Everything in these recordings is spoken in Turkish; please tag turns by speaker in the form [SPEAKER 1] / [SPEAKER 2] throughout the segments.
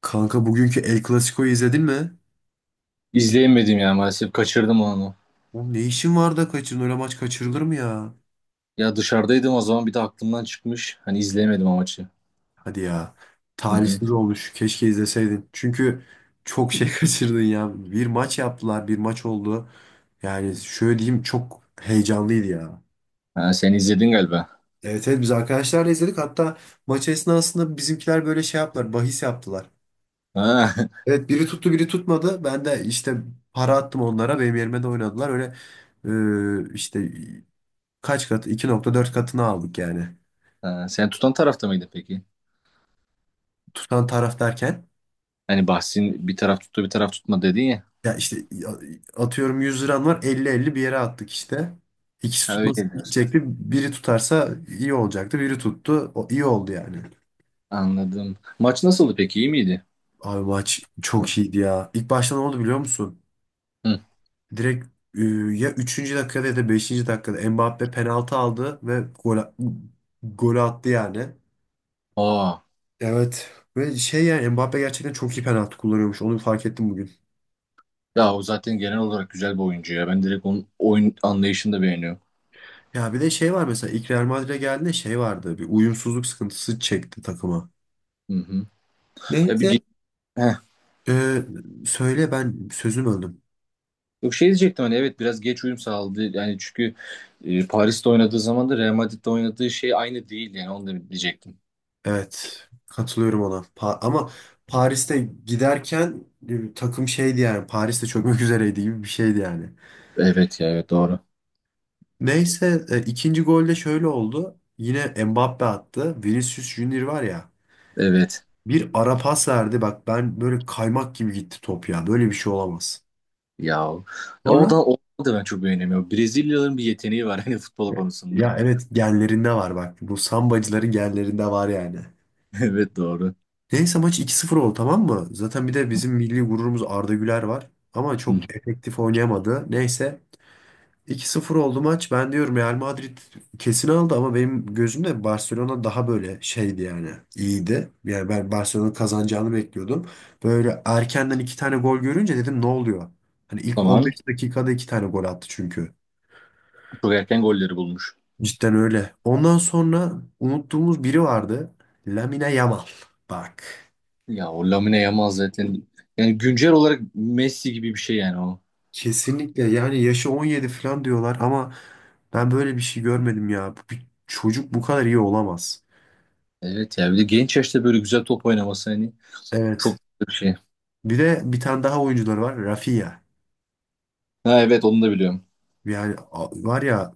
[SPEAKER 1] Kanka bugünkü El Clasico'yu izledin mi?
[SPEAKER 2] İzleyemedim ya maalesef. Kaçırdım onu.
[SPEAKER 1] Oğlum ne işin var da kaçırdın? Öyle maç kaçırılır mı ya?
[SPEAKER 2] Ya dışarıdaydım o zaman bir de aklımdan çıkmış. Hani izleyemedim o maçı.
[SPEAKER 1] Hadi ya.
[SPEAKER 2] Hı hı.
[SPEAKER 1] Talihsiz olmuş. Keşke izleseydin. Çünkü çok şey kaçırdın ya. Bir maç yaptılar. Bir maç oldu. Yani şöyle diyeyim çok heyecanlıydı ya.
[SPEAKER 2] Ha, sen izledin galiba.
[SPEAKER 1] Evet, evet, biz arkadaşlarla izledik. Hatta maç esnasında bizimkiler böyle şey yaptılar. Bahis yaptılar.
[SPEAKER 2] Ha.
[SPEAKER 1] Evet, biri tuttu biri tutmadı. Ben de işte para attım onlara. Benim yerime de oynadılar. Öyle işte kaç katı? 2,4 katını aldık yani.
[SPEAKER 2] Ha, sen tutan tarafta mıydı peki?
[SPEAKER 1] Tutan taraf derken
[SPEAKER 2] Hani bahsin bir taraf tuttu bir taraf tutma dedin ya.
[SPEAKER 1] ya işte atıyorum 100 liran var elli elli bir yere attık işte. İkisi
[SPEAKER 2] Ha, öyle
[SPEAKER 1] tutmasa
[SPEAKER 2] diyorsun.
[SPEAKER 1] gidecekti. Biri tutarsa iyi olacaktı. Biri tuttu. O iyi oldu yani.
[SPEAKER 2] Anladım. Maç nasıldı peki? İyi miydi?
[SPEAKER 1] Abi maç çok iyiydi ya. İlk başta ne oldu biliyor musun?
[SPEAKER 2] Hı.
[SPEAKER 1] Direkt e, ya üçüncü dakikada ya da 5. dakikada Mbappe penaltı aldı ve gol attı yani.
[SPEAKER 2] Aa.
[SPEAKER 1] Evet. Ve şey yani Mbappe gerçekten çok iyi penaltı kullanıyormuş. Onu fark ettim bugün.
[SPEAKER 2] Ya o zaten genel olarak güzel bir oyuncu ya. Ben direkt onun oyun anlayışını da beğeniyorum.
[SPEAKER 1] Ya bir de şey var mesela ilk Real Madrid'e geldiğinde şey vardı. Bir uyumsuzluk sıkıntısı çekti takıma.
[SPEAKER 2] Hı hı. Ya bir
[SPEAKER 1] Neyse.
[SPEAKER 2] ge-
[SPEAKER 1] Ee, söyle ben sözüm öldüm.
[SPEAKER 2] Yok, şey diyecektim hani. Evet, biraz geç uyum sağladı. Yani çünkü Paris'te oynadığı zaman da Real Madrid'de oynadığı şey aynı değil yani, onu da diyecektim.
[SPEAKER 1] Evet, katılıyorum ona. Ama Paris'te giderken takım şeydi yani, Paris'te çökmek üzereydi gibi bir şeydi yani.
[SPEAKER 2] Evet ya, evet doğru.
[SPEAKER 1] Neyse, ikinci golde şöyle oldu. Yine Mbappe attı. Vinicius Junior var ya,
[SPEAKER 2] Evet.
[SPEAKER 1] bir ara pas verdi. Bak ben, böyle kaymak gibi gitti top ya. Böyle bir şey olamaz.
[SPEAKER 2] Ya o
[SPEAKER 1] Sonra.
[SPEAKER 2] da o da ben çok beğenemiyorum. Brezilyalıların bir yeteneği var hani futbol konusunda.
[SPEAKER 1] Ya, evet, genlerinde var bak. Bu sambacıların genlerinde var yani.
[SPEAKER 2] Evet doğru.
[SPEAKER 1] Neyse, maç 2-0 oldu tamam mı? Zaten bir de bizim milli gururumuz Arda Güler var. Ama
[SPEAKER 2] Hı.
[SPEAKER 1] çok efektif oynayamadı. Neyse, 2-0 oldu maç. Ben diyorum Real Madrid kesin aldı, ama benim gözümde Barcelona daha böyle şeydi yani. İyiydi. Yani ben Barcelona'nın kazanacağını bekliyordum. Böyle erkenden iki tane gol görünce dedim ne oluyor? Hani ilk
[SPEAKER 2] Tamam.
[SPEAKER 1] 15 dakikada iki tane gol attı çünkü.
[SPEAKER 2] Çok erken golleri bulmuş.
[SPEAKER 1] Cidden öyle. Ondan sonra unuttuğumuz biri vardı. Lamine Yamal. Bak.
[SPEAKER 2] Ya o Lamine Yamal zaten, yani güncel olarak Messi gibi bir şey yani o.
[SPEAKER 1] Kesinlikle, yani yaşı 17 falan diyorlar ama ben böyle bir şey görmedim ya. Bir çocuk bu kadar iyi olamaz.
[SPEAKER 2] Evet ya, bir de genç yaşta böyle güzel top oynaması hani çok
[SPEAKER 1] Evet.
[SPEAKER 2] güzel bir şey.
[SPEAKER 1] Bir de bir tane daha oyuncuları var. Rafinha.
[SPEAKER 2] Ha evet, onu da biliyorum.
[SPEAKER 1] Yani var ya,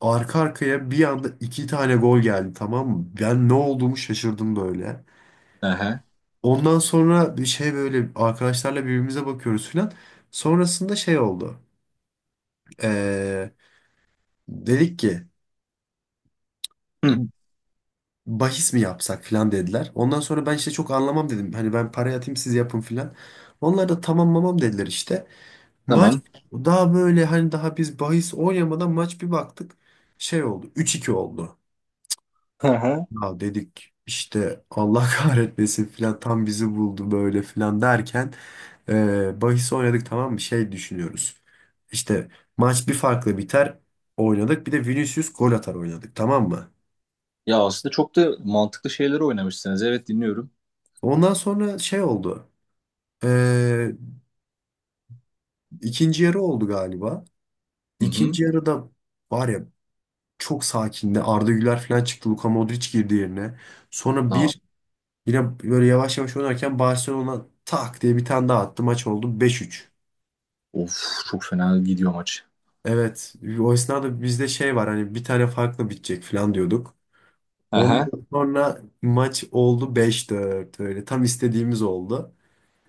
[SPEAKER 1] arka arkaya bir anda iki tane gol geldi tamam mı? Ben ne olduğumu şaşırdım böyle.
[SPEAKER 2] Aha.
[SPEAKER 1] Ondan sonra bir şey, böyle arkadaşlarla birbirimize bakıyoruz falan. Sonrasında şey oldu. Ee, Dedik ki
[SPEAKER 2] Hı,
[SPEAKER 1] bahis mi yapsak filan dediler. Ondan sonra ben işte çok anlamam dedim. Hani ben parayı atayım siz yapın filan. Onlar da tamam mamam dediler işte. Maç
[SPEAKER 2] tamam.
[SPEAKER 1] daha böyle, hani daha biz bahis oynamadan maç, bir baktık. Şey oldu, 3-2 oldu.
[SPEAKER 2] Hı hı.
[SPEAKER 1] Ya dedik işte Allah kahretmesin filan, tam bizi buldu böyle filan derken bahis oynadık tamam mı, şey düşünüyoruz. İşte maç bir farkla biter oynadık, bir de Vinicius gol atar oynadık tamam mı?
[SPEAKER 2] Ya aslında çok da mantıklı şeyleri oynamışsınız. Evet, dinliyorum.
[SPEAKER 1] Ondan sonra şey oldu. Ee, ikinci yarı oldu galiba.
[SPEAKER 2] Hı hı.
[SPEAKER 1] İkinci yarıda, var ya, çok sakindi. Arda Güler falan çıktı. Luka Modric girdi yerine. Sonra
[SPEAKER 2] Aa,
[SPEAKER 1] bir, yine böyle yavaş yavaş oynarken Barcelona tak diye bir tane daha attı. Maç oldu 5-3.
[SPEAKER 2] of çok fena gidiyor maç.
[SPEAKER 1] Evet. O esnada bizde şey var, hani bir tane farklı bitecek falan diyorduk.
[SPEAKER 2] Aha.
[SPEAKER 1] Ondan sonra maç oldu 5-4 öyle. Tam istediğimiz oldu.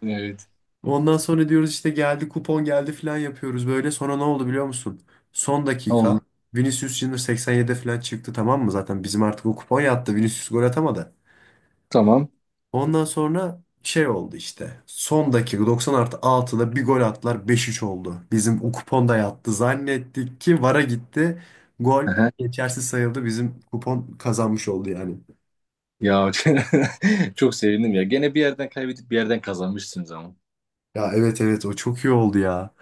[SPEAKER 2] Evet.
[SPEAKER 1] Ondan sonra diyoruz işte geldi kupon geldi falan yapıyoruz böyle. Sonra ne oldu biliyor musun? Son
[SPEAKER 2] Oldu.
[SPEAKER 1] dakika Vinicius Junior 87'de falan çıktı tamam mı? Zaten bizim artık o kupon yattı. Vinicius gol atamadı.
[SPEAKER 2] Tamam.
[SPEAKER 1] Ondan sonra şey oldu işte. Son dakika 90 artı 6'da bir gol attılar, 5-3 oldu. Bizim o kupon da yattı. Zannettik ki VAR'a gitti. Gol
[SPEAKER 2] Aha.
[SPEAKER 1] geçersiz sayıldı. Bizim kupon kazanmış oldu yani.
[SPEAKER 2] Ya, çok sevindim ya. Gene bir yerden kaybedip bir yerden kazanmışsınız ama.
[SPEAKER 1] Ya, evet, evet, o çok iyi oldu ya.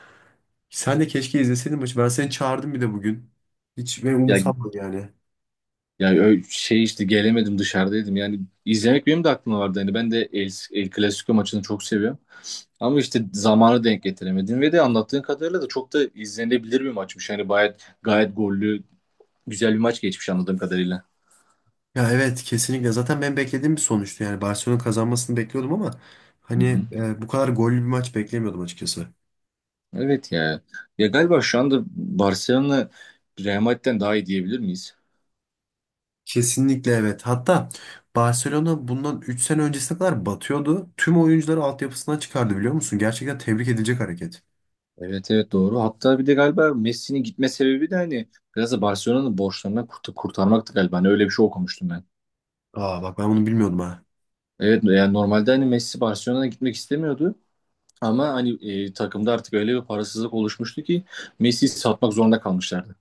[SPEAKER 1] Sen de keşke izleseydin maçı. Ben seni çağırdım bir de bugün. Hiç ben
[SPEAKER 2] Ya
[SPEAKER 1] umursamam yani.
[SPEAKER 2] ya şey işte, gelemedim, dışarıdaydım. Yani izlemek benim de aklımda vardı. Yani ben de El Clasico maçını çok seviyorum. Ama işte zamanı denk getiremedim ve de anlattığın kadarıyla da çok da izlenebilir bir maçmış. Yani gayet gayet gollü, güzel bir maç geçmiş anladığım kadarıyla.
[SPEAKER 1] Ya, evet, kesinlikle. Zaten ben beklediğim bir sonuçtu. Yani Barcelona kazanmasını bekliyordum ama
[SPEAKER 2] Hı
[SPEAKER 1] hani
[SPEAKER 2] hı.
[SPEAKER 1] bu kadar gollü bir maç beklemiyordum açıkçası.
[SPEAKER 2] Evet ya. Ya galiba şu anda Barcelona Real Madrid'den daha iyi diyebilir miyiz?
[SPEAKER 1] Kesinlikle evet. Hatta Barcelona bundan 3 sene öncesine kadar batıyordu. Tüm oyuncuları altyapısından çıkardı biliyor musun? Gerçekten tebrik edilecek hareket.
[SPEAKER 2] Evet evet doğru. Hatta bir de galiba Messi'nin gitme sebebi de hani biraz da Barcelona'nın borçlarından kurtarmaktı galiba. Hani öyle bir şey okumuştum ben.
[SPEAKER 1] Aa, bak ben bunu bilmiyordum ha.
[SPEAKER 2] Evet, yani normalde hani Messi Barcelona'ya gitmek istemiyordu. Ama hani takımda artık öyle bir parasızlık oluşmuştu ki Messi'yi satmak zorunda kalmışlardı.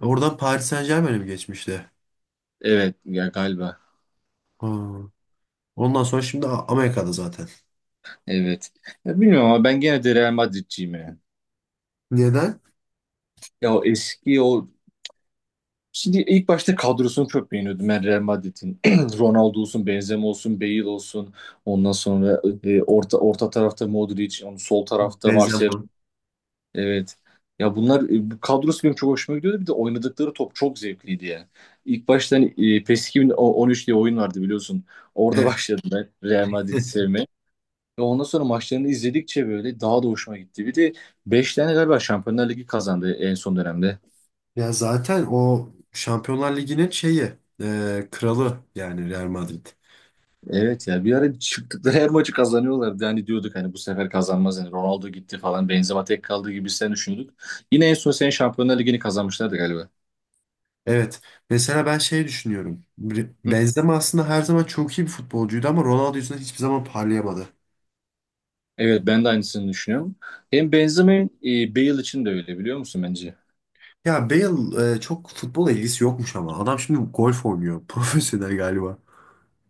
[SPEAKER 1] Oradan Paris Saint-Germain'e mi geçmişti?
[SPEAKER 2] Evet ya galiba.
[SPEAKER 1] Aa, ondan sonra şimdi Amerika'da zaten.
[SPEAKER 2] Evet. Ya bilmiyorum ama ben gene de Real Madrid'ciyim yani.
[SPEAKER 1] Neden?
[SPEAKER 2] Ya o eski o Şimdi ilk başta kadrosunu çok beğeniyordum ben Real Madrid'in. Ronaldo olsun, Benzema olsun, Bale olsun. Ondan sonra orta tarafta Modric, onun sol tarafta Marcelo.
[SPEAKER 1] Benzema.
[SPEAKER 2] Evet. Ya bunlar, bu kadrosu benim çok hoşuma gidiyordu. Bir de oynadıkları top çok zevkliydi ya. İlk başta hani, PES 2013 diye oyun vardı, biliyorsun. Orada
[SPEAKER 1] Evet.
[SPEAKER 2] başladım ben Real Madrid'i sevmeye. Ve ondan sonra maçlarını izledikçe böyle daha da hoşuma gitti. Bir de 5 tane galiba Şampiyonlar Ligi kazandı en son dönemde.
[SPEAKER 1] Ya zaten o Şampiyonlar Ligi'nin şeyi, kralı yani Real Madrid.
[SPEAKER 2] Evet ya, bir ara çıktıkları her maçı kazanıyorlardı. Yani diyorduk hani bu sefer kazanmaz yani, Ronaldo gitti falan, Benzema tek kaldı gibi sen düşünüyorduk. Yine en son sen Şampiyonlar Ligi'ni kazanmışlardı galiba.
[SPEAKER 1] Evet. Mesela ben şey düşünüyorum.
[SPEAKER 2] Hı.
[SPEAKER 1] Benzema aslında her zaman çok iyi bir futbolcuydu ama Ronaldo yüzünden hiçbir zaman parlayamadı.
[SPEAKER 2] Evet, ben de aynısını düşünüyorum. Hem Benzema hem Bale için de öyle, biliyor musun bence?
[SPEAKER 1] Ya Bale, çok futbola ilgisi yokmuş ama. Adam şimdi golf oynuyor. Profesyonel galiba.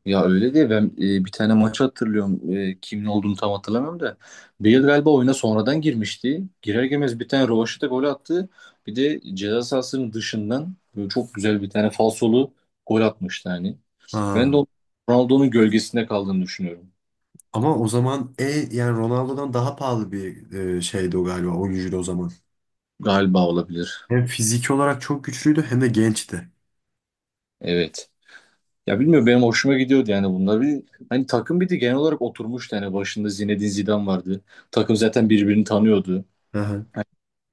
[SPEAKER 2] Ya öyle değil, ben bir tane maç hatırlıyorum. Kimin olduğunu tam hatırlamıyorum da. Bale galiba oyuna sonradan girmişti. Girer girmez bir tane rövaşata gol attı. Bir de ceza sahasının dışından böyle çok güzel bir tane falsolu gol atmıştı hani. Ben de
[SPEAKER 1] Ha.
[SPEAKER 2] o- Ronaldo'nun gölgesinde kaldığını düşünüyorum.
[SPEAKER 1] Ama o zaman, yani Ronaldo'dan daha pahalı bir şeydi o galiba, oyuncuydu o zaman.
[SPEAKER 2] Galiba olabilir.
[SPEAKER 1] Hem fiziki olarak çok güçlüydü hem de gençti.
[SPEAKER 2] Evet. Ya bilmiyorum, benim hoşuma gidiyordu yani bunlar. Bir, hani takım bir de genel olarak oturmuştu. Yani başında Zinedine Zidane vardı. Takım zaten birbirini tanıyordu.
[SPEAKER 1] Aha.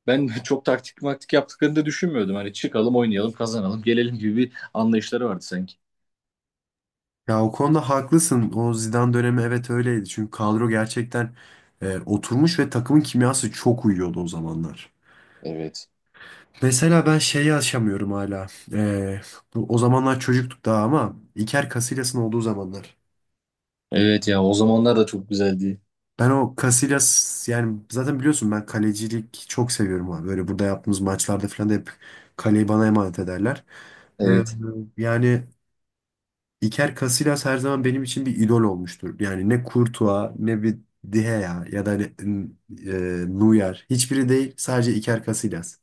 [SPEAKER 2] Ben çok taktik maktik yaptıklarını da düşünmüyordum. Hani çıkalım, oynayalım, kazanalım, gelelim gibi bir anlayışları vardı sanki.
[SPEAKER 1] Ya o konuda haklısın. O Zidane dönemi evet öyleydi. Çünkü kadro gerçekten oturmuş ve takımın kimyası çok uyuyordu o zamanlar.
[SPEAKER 2] Evet.
[SPEAKER 1] Mesela ben şeyi aşamıyorum hala. E, O zamanlar çocuktuk daha ama İker Casillas'ın olduğu zamanlar.
[SPEAKER 2] Evet ya, o zamanlar da çok güzeldi.
[SPEAKER 1] Ben o Casillas, yani zaten biliyorsun ben kalecilik çok seviyorum abi. Böyle burada yaptığımız maçlarda falan da hep kaleyi bana emanet ederler. E,
[SPEAKER 2] Evet.
[SPEAKER 1] Yani Iker Casillas her zaman benim için bir idol olmuştur. Yani ne Courtois ne bir Dihea ya da Neuer. Hiçbiri değil, sadece Iker Casillas.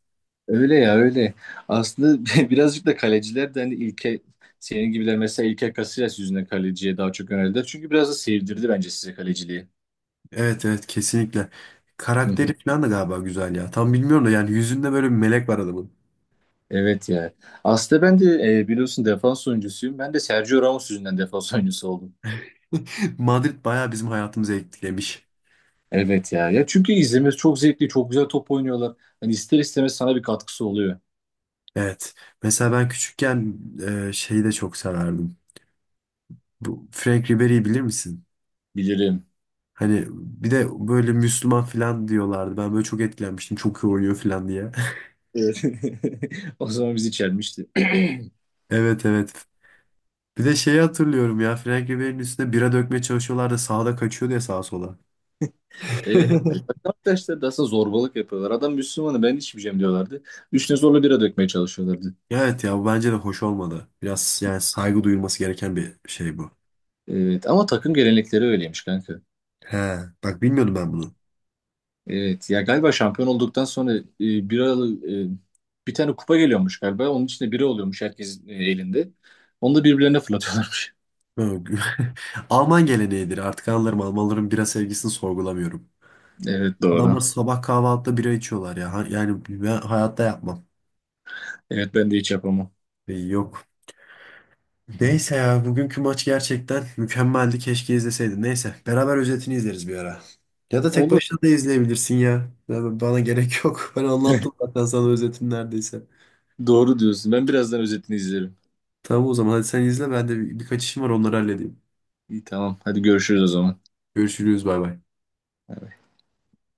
[SPEAKER 2] Öyle ya, öyle. Aslında birazcık da kaleciler de hani ilke senin gibiler, mesela İlker Casillas yüzünden kaleciye daha çok yöneldiler. Çünkü biraz da sevdirdi bence size kaleciliği.
[SPEAKER 1] Evet, evet, kesinlikle.
[SPEAKER 2] Hı hı.
[SPEAKER 1] Karakteri falan da galiba güzel ya. Tam bilmiyorum da yani, yüzünde böyle bir melek var adamın.
[SPEAKER 2] Evet ya. Aslında ben de, biliyorsun, defans oyuncusuyum. Ben de Sergio Ramos yüzünden defans oyuncusu oldum.
[SPEAKER 1] Madrid bayağı bizim hayatımızı etkilemiş.
[SPEAKER 2] Evet ya. Ya çünkü izlemesi çok zevkli, çok güzel top oynuyorlar. Hani ister istemez sana bir katkısı oluyor.
[SPEAKER 1] Evet. Mesela ben küçükken şeyi de çok severdim. Bu Frank Ribery'i bilir misin?
[SPEAKER 2] Bilirim. Evet.
[SPEAKER 1] Hani bir de böyle Müslüman falan diyorlardı. Ben böyle çok etkilenmiştim. Çok iyi oynuyor falan diye.
[SPEAKER 2] O zaman bizi çelmişti.
[SPEAKER 1] Evet, evet. Bir de şeyi hatırlıyorum ya, Frank Ribery'nin üstüne bira dökmeye çalışıyorlardı, sağda kaçıyordu ya sağa sola.
[SPEAKER 2] Evet. Yani bak, arkadaşlar da aslında zorbalık yapıyorlar. Adam Müslümanı, ben içmeyeceğim diyorlardı. Üstüne zorla bira dökmeye çalışıyorlardı.
[SPEAKER 1] Evet ya, bu bence de hoş olmadı. Biraz yani, saygı duyulması gereken bir şey bu.
[SPEAKER 2] Evet, ama takım gelenekleri öyleymiş kanka.
[SPEAKER 1] He, bak bilmiyordum ben bunu.
[SPEAKER 2] Evet ya, galiba şampiyon olduktan sonra biralı bir tane kupa geliyormuş galiba. Onun içinde bira oluyormuş herkesin elinde. Onu da birbirlerine fırlatıyorlarmış.
[SPEAKER 1] Alman geleneğidir, artık anlarım, Almanların bira sevgisini sorgulamıyorum.
[SPEAKER 2] Evet doğru.
[SPEAKER 1] Adamlar sabah kahvaltıda bira içiyorlar ya. Yani ben hayatta yapmam.
[SPEAKER 2] Evet, ben de hiç yapamam.
[SPEAKER 1] Yok.
[SPEAKER 2] Hı hı.
[SPEAKER 1] Neyse ya, bugünkü maç gerçekten mükemmeldi. Keşke izleseydin. Neyse, beraber özetini izleriz bir ara. Ya da tek
[SPEAKER 2] Olur.
[SPEAKER 1] başına da izleyebilirsin ya. Bana gerek yok. Ben anlattım zaten sana özetin neredeyse.
[SPEAKER 2] Doğru diyorsun. Ben birazdan özetini izlerim.
[SPEAKER 1] Tamam, o zaman hadi sen izle, ben de birkaç işim var, onları halledeyim.
[SPEAKER 2] İyi, tamam. Hadi görüşürüz o zaman.
[SPEAKER 1] Görüşürüz, bay bay.